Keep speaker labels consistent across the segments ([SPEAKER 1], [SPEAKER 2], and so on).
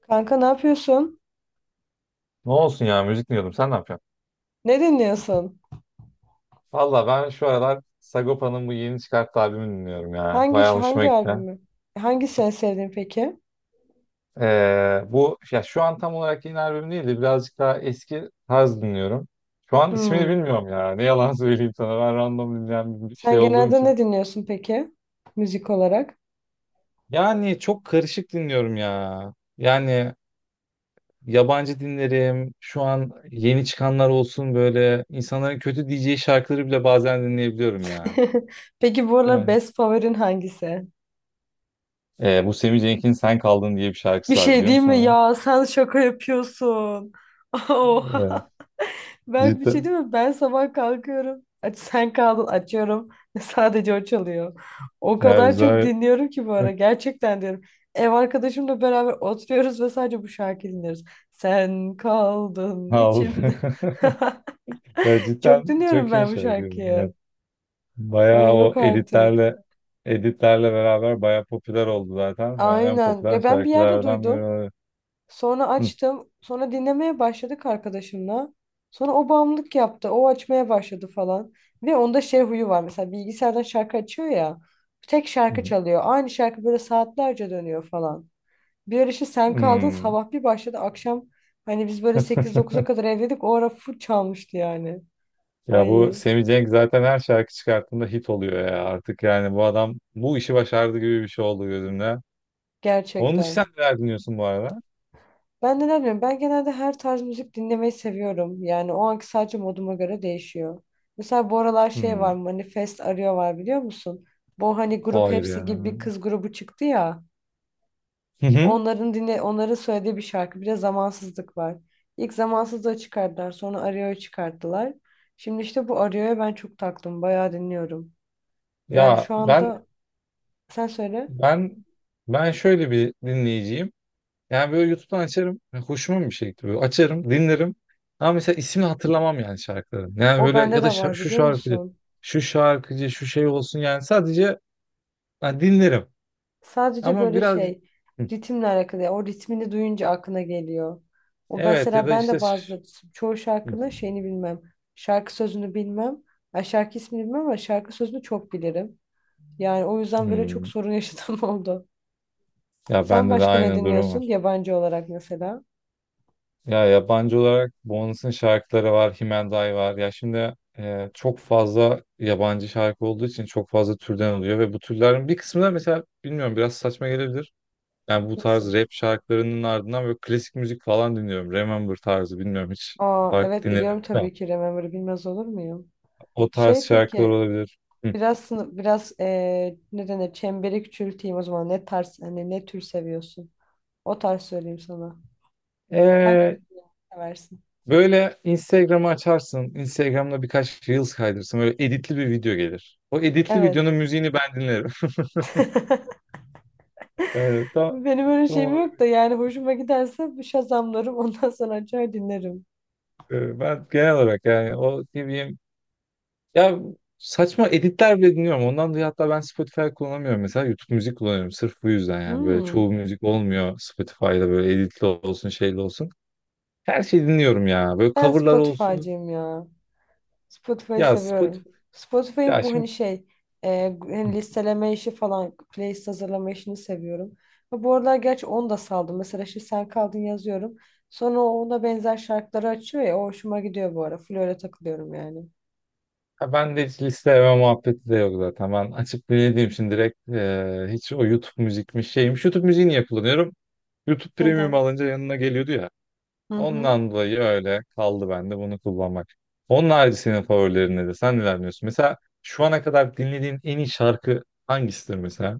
[SPEAKER 1] Kanka ne yapıyorsun?
[SPEAKER 2] Ne olsun ya, müzik dinliyordum. Sen ne yapıyorsun?
[SPEAKER 1] Ne dinliyorsun?
[SPEAKER 2] Valla ben şu aralar Sagopa'nın bu yeni çıkarttığı albümünü dinliyorum ya.
[SPEAKER 1] Hangi
[SPEAKER 2] Bayağı hoşuma
[SPEAKER 1] hangi
[SPEAKER 2] gitti.
[SPEAKER 1] albümü? Hangisini sevdin peki?
[SPEAKER 2] Bu ya şu an tam olarak yeni albüm değil de birazcık daha eski tarz dinliyorum. Şu an ismini
[SPEAKER 1] Hmm.
[SPEAKER 2] bilmiyorum ya. Ne yalan söyleyeyim sana. Ben random dinleyen bir şey
[SPEAKER 1] Sen
[SPEAKER 2] olduğum
[SPEAKER 1] genelde
[SPEAKER 2] için.
[SPEAKER 1] ne dinliyorsun peki? Müzik olarak.
[SPEAKER 2] Yani çok karışık dinliyorum ya. Yani yabancı dinlerim. Şu an yeni çıkanlar olsun, böyle insanların kötü diyeceği şarkıları bile bazen dinleyebiliyorum ya.
[SPEAKER 1] Peki bu aralar
[SPEAKER 2] Yani
[SPEAKER 1] best favorin hangisi?
[SPEAKER 2] Bu Sammy Cenk'in Sen Kaldın diye bir
[SPEAKER 1] Bir
[SPEAKER 2] şarkısı var,
[SPEAKER 1] şey
[SPEAKER 2] biliyor
[SPEAKER 1] değil
[SPEAKER 2] musun
[SPEAKER 1] mi
[SPEAKER 2] onu?
[SPEAKER 1] ya? Sen şaka yapıyorsun.
[SPEAKER 2] Evet,
[SPEAKER 1] Oha. Berk bir şey
[SPEAKER 2] cidden.
[SPEAKER 1] değil mi? Ben sabah kalkıyorum. Aç, sen kaldın açıyorum. Sadece o çalıyor. O
[SPEAKER 2] Ya
[SPEAKER 1] kadar çok
[SPEAKER 2] güzel
[SPEAKER 1] dinliyorum ki bu ara. Gerçekten diyorum. Ev arkadaşımla beraber oturuyoruz ve sadece bu şarkıyı dinliyoruz. Sen kaldın
[SPEAKER 2] aldı.
[SPEAKER 1] içimde.
[SPEAKER 2] Ya cidden
[SPEAKER 1] Çok dinliyorum
[SPEAKER 2] çok iyi
[SPEAKER 1] ben bu
[SPEAKER 2] şarkı.
[SPEAKER 1] şarkıyı.
[SPEAKER 2] Evet. Bayağı
[SPEAKER 1] Ay
[SPEAKER 2] o
[SPEAKER 1] yok artık.
[SPEAKER 2] editlerle beraber bayağı popüler oldu zaten. Şu an en
[SPEAKER 1] Aynen.
[SPEAKER 2] popüler
[SPEAKER 1] Ya ben bir yerde
[SPEAKER 2] şarkılardan biri
[SPEAKER 1] duydum.
[SPEAKER 2] oluyor.
[SPEAKER 1] Sonra
[SPEAKER 2] Hı,
[SPEAKER 1] açtım. Sonra dinlemeye başladık arkadaşımla. Sonra o bağımlılık yaptı. O açmaya başladı falan. Ve onda şey huyu var. Mesela bilgisayardan şarkı açıyor ya. Tek şarkı
[SPEAKER 2] hı,
[SPEAKER 1] çalıyor. Aynı şarkı böyle saatlerce dönüyor falan. Bir ara işte sen kaldın
[SPEAKER 2] hı.
[SPEAKER 1] sabah bir başladı. Akşam hani biz böyle sekiz dokuza kadar evdeydik. O ara full çalmıştı yani.
[SPEAKER 2] Ya bu
[SPEAKER 1] Ay
[SPEAKER 2] Sammy Cenk zaten her şarkı çıkarttığında hit oluyor ya, artık yani bu adam bu işi başardı gibi bir şey oldu gözümde. Onun için
[SPEAKER 1] gerçekten.
[SPEAKER 2] sen neler dinliyorsun bu arada?
[SPEAKER 1] Ben de ne bileyim ben genelde her tarz müzik dinlemeyi seviyorum. Yani o anki sadece moduma göre değişiyor. Mesela bu aralar şey var,
[SPEAKER 2] Hmm,
[SPEAKER 1] Manifest Arıyor var biliyor musun? Bu hani grup
[SPEAKER 2] hayır
[SPEAKER 1] hepsi
[SPEAKER 2] ya.
[SPEAKER 1] gibi bir kız grubu çıktı ya.
[SPEAKER 2] Hı hı.
[SPEAKER 1] Onların dinle onların söylediği bir şarkı. Bir de zamansızlık var. İlk zamansızlığı çıkardılar sonra Arıyor'yu çıkarttılar. Şimdi işte bu Arıyor'ya ben çok taktım. Bayağı dinliyorum. Yani
[SPEAKER 2] Ya
[SPEAKER 1] şu anda sen söyle.
[SPEAKER 2] ben ben şöyle bir dinleyiciyim. Yani böyle YouTube'dan açarım. Yani hoşuma bir şey gitti böyle. Açarım, dinlerim. Ama mesela ismini hatırlamam yani şarkıların. Yani
[SPEAKER 1] O
[SPEAKER 2] böyle
[SPEAKER 1] bende
[SPEAKER 2] ya da
[SPEAKER 1] de var
[SPEAKER 2] şu
[SPEAKER 1] biliyor
[SPEAKER 2] şarkıcı,
[SPEAKER 1] musun?
[SPEAKER 2] şu şarkıcı, şu şey olsun yani, sadece yani dinlerim.
[SPEAKER 1] Sadece
[SPEAKER 2] Ama
[SPEAKER 1] böyle
[SPEAKER 2] biraz.
[SPEAKER 1] şey,
[SPEAKER 2] Hı.
[SPEAKER 1] ritimle alakalı. Ya, o ritmini duyunca aklına geliyor. O
[SPEAKER 2] Evet, ya
[SPEAKER 1] mesela
[SPEAKER 2] da
[SPEAKER 1] ben
[SPEAKER 2] işte.
[SPEAKER 1] de bazı çoğu
[SPEAKER 2] Hı.
[SPEAKER 1] şarkının şeyini bilmem. Şarkı sözünü bilmem. Ay şarkı ismini bilmem ama şarkı sözünü çok bilirim. Yani o yüzden böyle çok
[SPEAKER 2] Hmm.
[SPEAKER 1] sorun yaşadığım oldu.
[SPEAKER 2] Ya
[SPEAKER 1] Sen
[SPEAKER 2] bende de
[SPEAKER 1] başka ne
[SPEAKER 2] aynı durum
[SPEAKER 1] dinliyorsun
[SPEAKER 2] var.
[SPEAKER 1] yabancı olarak mesela?
[SPEAKER 2] Ya yabancı olarak Bones'un şarkıları var, Himenday var. Ya şimdi çok fazla yabancı şarkı olduğu için çok fazla türden oluyor ve bu türlerin bir kısmı da, mesela bilmiyorum, biraz saçma gelebilir. Yani bu
[SPEAKER 1] Nasıl?
[SPEAKER 2] tarz rap şarkılarının ardından böyle klasik müzik falan dinliyorum. Remember tarzı, bilmiyorum hiç
[SPEAKER 1] Aa,
[SPEAKER 2] fark
[SPEAKER 1] evet
[SPEAKER 2] dinledim
[SPEAKER 1] biliyorum
[SPEAKER 2] mi?
[SPEAKER 1] tabii ki Remember'ı bilmez olur muyum?
[SPEAKER 2] O tarz
[SPEAKER 1] Şey
[SPEAKER 2] şarkılar
[SPEAKER 1] peki
[SPEAKER 2] olabilir. Hı.
[SPEAKER 1] biraz biraz ne denir, çemberi küçülteyim o zaman, ne tarz hani ne tür seviyorsun? O tarz söyleyeyim sana. Hangi
[SPEAKER 2] Ee,
[SPEAKER 1] tür seversin?
[SPEAKER 2] Böyle Instagram'ı açarsın. Instagram'da birkaç Reels kaydırırsın. Böyle editli bir video gelir. O editli
[SPEAKER 1] Evet.
[SPEAKER 2] videonun müziğini ben dinlerim. Evet,
[SPEAKER 1] Benim öyle şeyim
[SPEAKER 2] tamam.
[SPEAKER 1] yok da yani hoşuma giderse bir şazamlarım ondan sonra açar dinlerim.
[SPEAKER 2] Ben genel olarak yani, o ne bileyim ya, saçma editler bile dinliyorum. Ondan dolayı hatta ben Spotify kullanamıyorum. Mesela YouTube müzik kullanıyorum. Sırf bu yüzden. Yani böyle
[SPEAKER 1] Hmm.
[SPEAKER 2] çoğu müzik olmuyor Spotify'da, böyle editli olsun şeyli olsun. Her şeyi dinliyorum ya. Böyle
[SPEAKER 1] Ben
[SPEAKER 2] coverlar olsun.
[SPEAKER 1] Spotify'cıyım ya. Spotify'ı
[SPEAKER 2] Ya
[SPEAKER 1] seviyorum.
[SPEAKER 2] Spotify,
[SPEAKER 1] Spotify'ın
[SPEAKER 2] ya
[SPEAKER 1] bu hani
[SPEAKER 2] şimdi.
[SPEAKER 1] şey hani
[SPEAKER 2] Hı.
[SPEAKER 1] listeleme işi falan, playlist hazırlama işini seviyorum. Ve bu aralar gerçi onu da saldım. Mesela şimdi sen kaldın yazıyorum. Sonra o ona benzer şarkıları açıyor ya, o hoşuma gidiyor bu ara. Full öyle takılıyorum yani.
[SPEAKER 2] Ha, ben de hiç listeleme muhabbeti de yok zaten. Ben açıp dinlediğim için direkt hiç, o YouTube müzikmiş şeymiş. YouTube müziği niye kullanıyorum? YouTube Premium
[SPEAKER 1] Neden?
[SPEAKER 2] alınca yanına geliyordu ya.
[SPEAKER 1] Hı hı.
[SPEAKER 2] Ondan dolayı öyle kaldı bende bunu kullanmak. Onun harici senin favorilerin nedir? Sen neler dinliyorsun? Mesela şu ana kadar dinlediğin en iyi şarkı hangisidir mesela?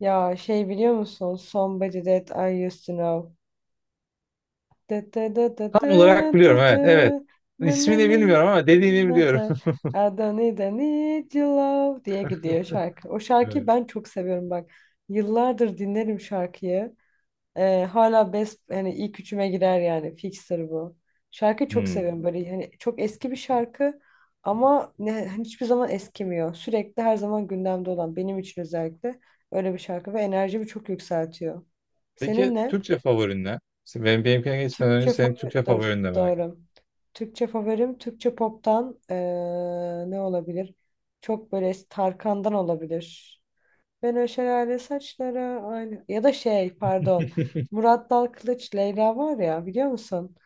[SPEAKER 1] Ya şey biliyor musun? Somebody That I Used To Know. Dı dı dı dı
[SPEAKER 2] Tam olarak
[SPEAKER 1] dı
[SPEAKER 2] biliyorum,
[SPEAKER 1] dı dı.
[SPEAKER 2] evet. Evet.
[SPEAKER 1] Nı nı
[SPEAKER 2] İsmini
[SPEAKER 1] nı nı.
[SPEAKER 2] bilmiyorum ama dediğini
[SPEAKER 1] Nı
[SPEAKER 2] biliyorum.
[SPEAKER 1] da. I don't need, I need your love diye gidiyor şarkı. O şarkıyı
[SPEAKER 2] Evet.
[SPEAKER 1] ben çok seviyorum bak. Yıllardır dinlerim şarkıyı. Hala best, hani ilk üçüme girer yani. Fixer bu. Şarkıyı çok
[SPEAKER 2] Hmm.
[SPEAKER 1] seviyorum, böyle hani çok eski bir şarkı ama ne, hani hiçbir zaman eskimiyor. Sürekli her zaman gündemde olan benim için, özellikle öyle bir şarkı ve enerjimi çok yükseltiyor. Senin
[SPEAKER 2] Peki
[SPEAKER 1] ne?
[SPEAKER 2] Türkçe favorin ne? Benim, benimkine geçmeden önce
[SPEAKER 1] Türkçe
[SPEAKER 2] senin
[SPEAKER 1] favori,
[SPEAKER 2] Türkçe
[SPEAKER 1] dur,
[SPEAKER 2] favorin de merak
[SPEAKER 1] doğru. Türkçe favorim Türkçe pop'tan ne olabilir? Çok böyle Tarkan'dan olabilir. Ben o şelale saçlara aynı ya da şey pardon.
[SPEAKER 2] ettim.
[SPEAKER 1] Murat Dal Kılıç Leyla var ya biliyor musun?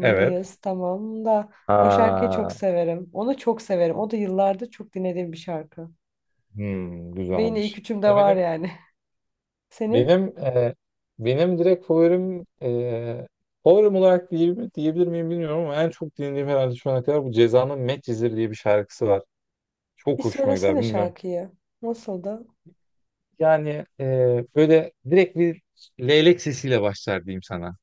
[SPEAKER 2] Evet.
[SPEAKER 1] tamam da, o şarkıyı çok
[SPEAKER 2] Ha,
[SPEAKER 1] severim. Onu çok severim. O da yıllardır çok dinlediğim bir şarkı.
[SPEAKER 2] hmm,
[SPEAKER 1] Ve yine ilk
[SPEAKER 2] güzelmiş.
[SPEAKER 1] üçümde
[SPEAKER 2] Ya
[SPEAKER 1] var
[SPEAKER 2] benim
[SPEAKER 1] yani. Senin
[SPEAKER 2] benim benim direkt favorim olarak diyebilir miyim bilmiyorum, ama en çok dinlediğim herhalde şu ana kadar bu Ceza'nın Medcezir diye bir şarkısı var.
[SPEAKER 1] bir
[SPEAKER 2] Çok hoşuma gider,
[SPEAKER 1] söylesene
[SPEAKER 2] bilmiyorum.
[SPEAKER 1] şarkıyı. Nasıldı?
[SPEAKER 2] Yani böyle direkt bir leylek sesiyle başlar diyeyim sana.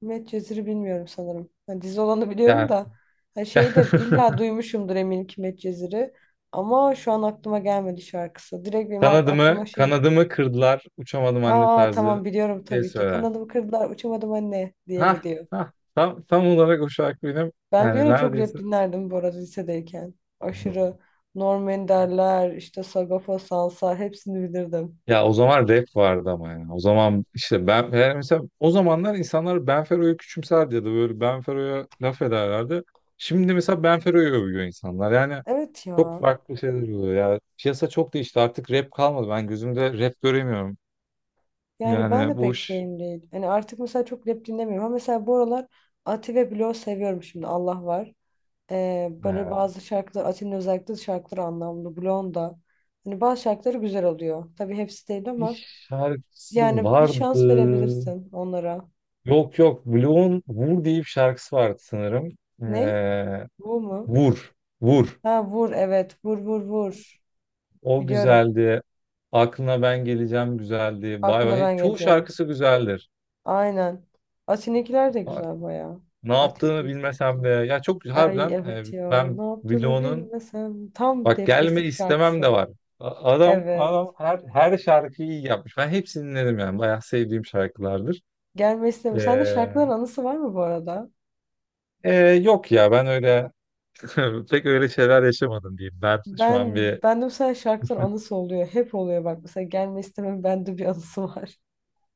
[SPEAKER 1] Met Cezir'i bilmiyorum sanırım. Hani dizi olanı biliyorum
[SPEAKER 2] Yani
[SPEAKER 1] da hani şeyi de illa duymuşumdur eminim ki Medcezir'i. Ama şu an aklıma gelmedi şarkısı. Direkt benim
[SPEAKER 2] kanadımı
[SPEAKER 1] aklıma şey,
[SPEAKER 2] kanadımı kırdılar, uçamadım anne
[SPEAKER 1] aa tamam
[SPEAKER 2] tarzı
[SPEAKER 1] biliyorum
[SPEAKER 2] şey
[SPEAKER 1] tabii ki
[SPEAKER 2] söyler.
[SPEAKER 1] kanadımı kırdılar uçamadım anne diye
[SPEAKER 2] Ha
[SPEAKER 1] gidiyor.
[SPEAKER 2] ha, tam olarak o şarkı benim
[SPEAKER 1] Ben bir
[SPEAKER 2] yani,
[SPEAKER 1] ara çok rap
[SPEAKER 2] neredeyse.
[SPEAKER 1] dinlerdim bu arada lisedeyken. Aşırı Norm Ender'ler işte Sagopa Sansa hepsini bilirdim.
[SPEAKER 2] Ya o zaman rap vardı ama yani. O zaman işte ben yani, mesela o zamanlar insanlar Benfero'yu küçümserdi ya da böyle Benfero'ya laf ederlerdi. Şimdi mesela Benfero'yu övüyor insanlar. Yani
[SPEAKER 1] Evet
[SPEAKER 2] çok
[SPEAKER 1] ya.
[SPEAKER 2] farklı şeyler oluyor ya. Piyasa çok değişti. Artık rap kalmadı. Ben gözümde rap göremiyorum.
[SPEAKER 1] Yani ben
[SPEAKER 2] Yani
[SPEAKER 1] de
[SPEAKER 2] bu
[SPEAKER 1] pek
[SPEAKER 2] iş.
[SPEAKER 1] şeyim değil. Hani artık mesela çok rap dinlemiyorum ama mesela bu aralar Ati ve Blok seviyorum şimdi Allah var. Böyle
[SPEAKER 2] Ee,
[SPEAKER 1] bazı şarkılar, Atin'in özellikle şarkıları anlamlı. Blonda. Hani bazı şarkıları güzel oluyor. Tabii hepsi değil
[SPEAKER 2] Bir
[SPEAKER 1] ama
[SPEAKER 2] şarkısı
[SPEAKER 1] yani bir
[SPEAKER 2] vardı.
[SPEAKER 1] şans verebilirsin onlara.
[SPEAKER 2] Yok yok. Blue'un Vur diye bir şarkısı vardı sanırım.
[SPEAKER 1] Ne?
[SPEAKER 2] Ee,
[SPEAKER 1] Bu mu?
[SPEAKER 2] Vur. Vur.
[SPEAKER 1] Ha vur evet. Vur vur vur.
[SPEAKER 2] O
[SPEAKER 1] Biliyorum.
[SPEAKER 2] güzeldi. Aklına ben geleceğim güzeldi. Bay
[SPEAKER 1] Aklına
[SPEAKER 2] bay.
[SPEAKER 1] ben
[SPEAKER 2] Çoğu
[SPEAKER 1] geleceğim.
[SPEAKER 2] şarkısı güzeldir.
[SPEAKER 1] Aynen. Atin'inkiler de
[SPEAKER 2] Ha,
[SPEAKER 1] güzel bayağı.
[SPEAKER 2] ne
[SPEAKER 1] Ati
[SPEAKER 2] yaptığını bilmesem de.
[SPEAKER 1] 242.
[SPEAKER 2] Ya çok
[SPEAKER 1] Ay
[SPEAKER 2] harbiden
[SPEAKER 1] evet ya.
[SPEAKER 2] ben
[SPEAKER 1] Ne yaptığını
[SPEAKER 2] Blo'nun
[SPEAKER 1] bilmesem. Tam
[SPEAKER 2] bak gelme
[SPEAKER 1] depresif
[SPEAKER 2] istemem de
[SPEAKER 1] şarkısı.
[SPEAKER 2] var. Adam
[SPEAKER 1] Evet.
[SPEAKER 2] adam her şarkıyı iyi yapmış. Ben hepsini dinledim yani. Bayağı sevdiğim şarkılardır.
[SPEAKER 1] Gelme isteme. Sende şarkıların
[SPEAKER 2] Ee,
[SPEAKER 1] anısı var mı bu arada?
[SPEAKER 2] yok ya, ben öyle pek öyle şeyler yaşamadım diyeyim. Ben şu an
[SPEAKER 1] Ben
[SPEAKER 2] bir.
[SPEAKER 1] ben de mesela şarkıların anısı oluyor. Hep oluyor bak. Mesela gelme istemem bende bir anısı var.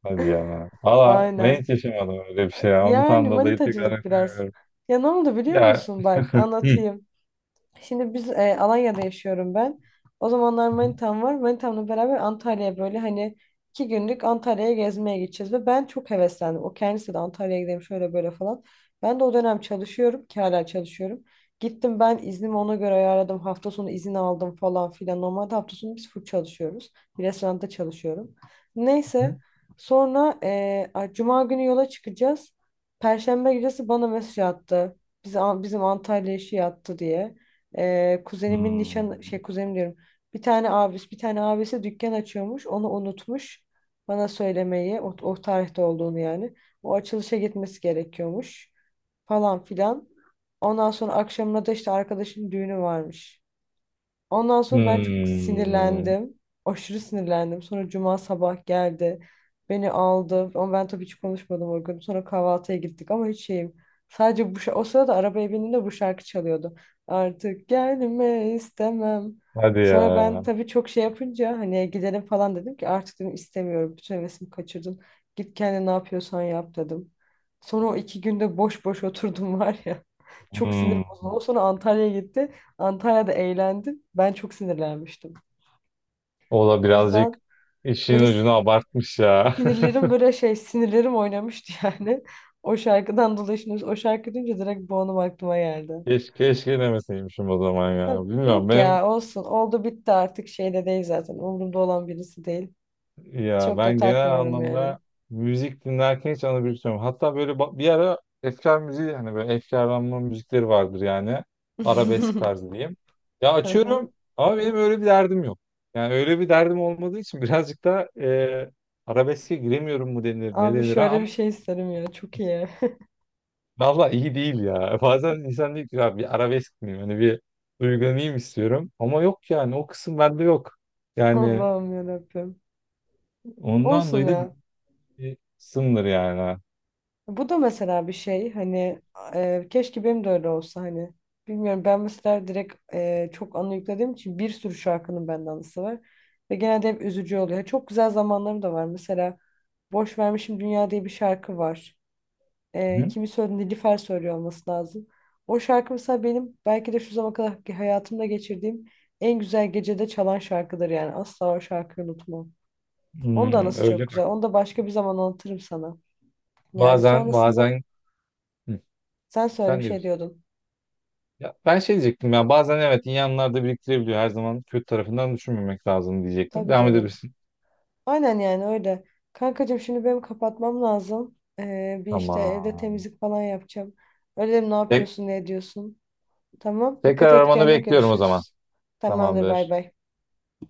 [SPEAKER 2] Hadi ya. Valla ben hiç
[SPEAKER 1] Aynen.
[SPEAKER 2] yaşamadım öyle bir şey ya.
[SPEAKER 1] Yani
[SPEAKER 2] Ondan dolayı tekrar
[SPEAKER 1] manitacılık biraz.
[SPEAKER 2] yapıyorum.
[SPEAKER 1] Ya ne oldu biliyor
[SPEAKER 2] Ya.
[SPEAKER 1] musun? Bak anlatayım. Şimdi biz Alanya'da yaşıyorum ben. O zamanlar
[SPEAKER 2] Hı.
[SPEAKER 1] manitam var. Manitamla beraber Antalya'ya böyle hani 2 günlük Antalya'ya gezmeye gideceğiz. Ve ben çok heveslendim. O kendisi de Antalya'ya gidelim şöyle böyle falan. Ben de o dönem çalışıyorum ki hala çalışıyorum. Gittim ben iznimi ona göre ayarladım. Hafta sonu izin aldım falan filan. Normalde hafta sonu biz full çalışıyoruz. Bir restoranda çalışıyorum. Neyse, sonra Cuma günü yola çıkacağız. Perşembe gecesi bana mesaj attı. Bizim Antalya işi yattı diye. Kuzenimin nişan
[SPEAKER 2] Hmm.
[SPEAKER 1] şey, kuzenim diyorum. Bir tane abisi, bir tane abisi dükkan açıyormuş. Onu unutmuş. Bana söylemeyi, o tarihte olduğunu yani. O açılışa gitmesi gerekiyormuş falan filan. Ondan sonra akşamına da işte arkadaşın düğünü varmış. Ondan sonra ben çok
[SPEAKER 2] Hmm.
[SPEAKER 1] sinirlendim. Aşırı sinirlendim. Sonra cuma sabah geldi. Beni aldı. Ama ben tabii hiç konuşmadım o gün. Sonra kahvaltıya gittik ama hiç şeyim. Sadece o sırada arabaya bindiğimde bu şarkı çalıyordu. Artık gelme istemem.
[SPEAKER 2] Hadi ya.
[SPEAKER 1] Sonra ben tabii çok şey yapınca hani gidelim falan dedim ki artık dedim istemiyorum. Bütün hevesimi kaçırdın. Git kendine ne yapıyorsan yap dedim. Sonra o iki günde boş boş oturdum var ya. Çok sinir
[SPEAKER 2] Hmm.
[SPEAKER 1] bozuldu. Sonra Antalya'ya gitti. Antalya'da eğlendim. Ben çok sinirlenmiştim.
[SPEAKER 2] O da
[SPEAKER 1] O
[SPEAKER 2] birazcık
[SPEAKER 1] yüzden böyle
[SPEAKER 2] işin ucunu abartmış ya.
[SPEAKER 1] sinirlerim, böyle şey sinirlerim oynamıştı yani. O şarkıdan dolayı şimdi o şarkı duyunca direkt bu anım aklıma geldi.
[SPEAKER 2] Keşke, keşke demeseymişim o zaman ya.
[SPEAKER 1] Tabii,
[SPEAKER 2] Bilmiyorum,
[SPEAKER 1] yok
[SPEAKER 2] benim
[SPEAKER 1] ya olsun, oldu bitti artık, şeyde değil, zaten umurumda olan birisi değil.
[SPEAKER 2] ya,
[SPEAKER 1] Çok da
[SPEAKER 2] ben genel
[SPEAKER 1] takmıyorum yani.
[SPEAKER 2] anlamda müzik dinlerken hiç anabiliyorum. Hatta böyle bir ara efkar müziği, hani böyle efkarlanma müzikleri vardır yani. Arabesk tarzı diyeyim. Ya
[SPEAKER 1] Aha.
[SPEAKER 2] açıyorum ama benim öyle bir derdim yok. Yani öyle bir derdim olmadığı için birazcık da arabeske giremiyorum mu denir, ne
[SPEAKER 1] Abi
[SPEAKER 2] denir ha?
[SPEAKER 1] şöyle bir şey isterim ya, çok iyi.
[SPEAKER 2] Valla iyi değil ya. Bazen insan diyor ki "Ya bir arabesk miyim? Hani bir duygulanayım istiyorum." Ama yok, yani o kısım bende yok. Yani
[SPEAKER 1] Allah'ım yarabbim.
[SPEAKER 2] ondan
[SPEAKER 1] Olsun
[SPEAKER 2] dolayı da bir
[SPEAKER 1] ya.
[SPEAKER 2] bir kısımdır yani.
[SPEAKER 1] Bu da mesela bir şey hani, keşke benim de öyle olsa hani. Bilmiyorum, ben mesela direkt çok anı yüklediğim için bir sürü şarkının bende anısı var. Ve genelde hep üzücü oluyor. Çok güzel zamanlarım da var. Mesela Boş Vermişim Dünya diye bir şarkı var. E,
[SPEAKER 2] Hı?
[SPEAKER 1] kimi söyledi? Nilüfer söylüyor olması lazım. O şarkı mesela benim belki de şu zamana kadar ki hayatımda geçirdiğim en güzel gecede çalan şarkıdır yani. Asla o şarkıyı unutmam. Onun da
[SPEAKER 2] Hmm,
[SPEAKER 1] anısı çok
[SPEAKER 2] öyle bak.
[SPEAKER 1] güzel. Onu da başka bir zaman anlatırım sana. Yani
[SPEAKER 2] Bazen
[SPEAKER 1] sonrasında,
[SPEAKER 2] bazen. Hı,
[SPEAKER 1] sen söyle
[SPEAKER 2] sen
[SPEAKER 1] bir
[SPEAKER 2] de
[SPEAKER 1] şey
[SPEAKER 2] diyorsun.
[SPEAKER 1] diyordun.
[SPEAKER 2] Ya ben şey diyecektim ya, bazen evet iyi anlar da biriktirebiliyor. Her zaman kötü tarafından düşünmemek lazım diyecektim.
[SPEAKER 1] Tabii
[SPEAKER 2] Devam
[SPEAKER 1] canım.
[SPEAKER 2] edebilirsin.
[SPEAKER 1] Aynen yani öyle. Kankacığım şimdi benim kapatmam lazım. Bir işte evde
[SPEAKER 2] Tamam.
[SPEAKER 1] temizlik falan yapacağım. Öyle dedim, ne
[SPEAKER 2] Tek,
[SPEAKER 1] yapıyorsun ne ediyorsun. Tamam.
[SPEAKER 2] tekrar
[SPEAKER 1] Dikkat et
[SPEAKER 2] aramanı
[SPEAKER 1] kendine,
[SPEAKER 2] bekliyorum o zaman.
[SPEAKER 1] görüşürüz. Tamamdır, bay
[SPEAKER 2] Tamamdır.
[SPEAKER 1] bay.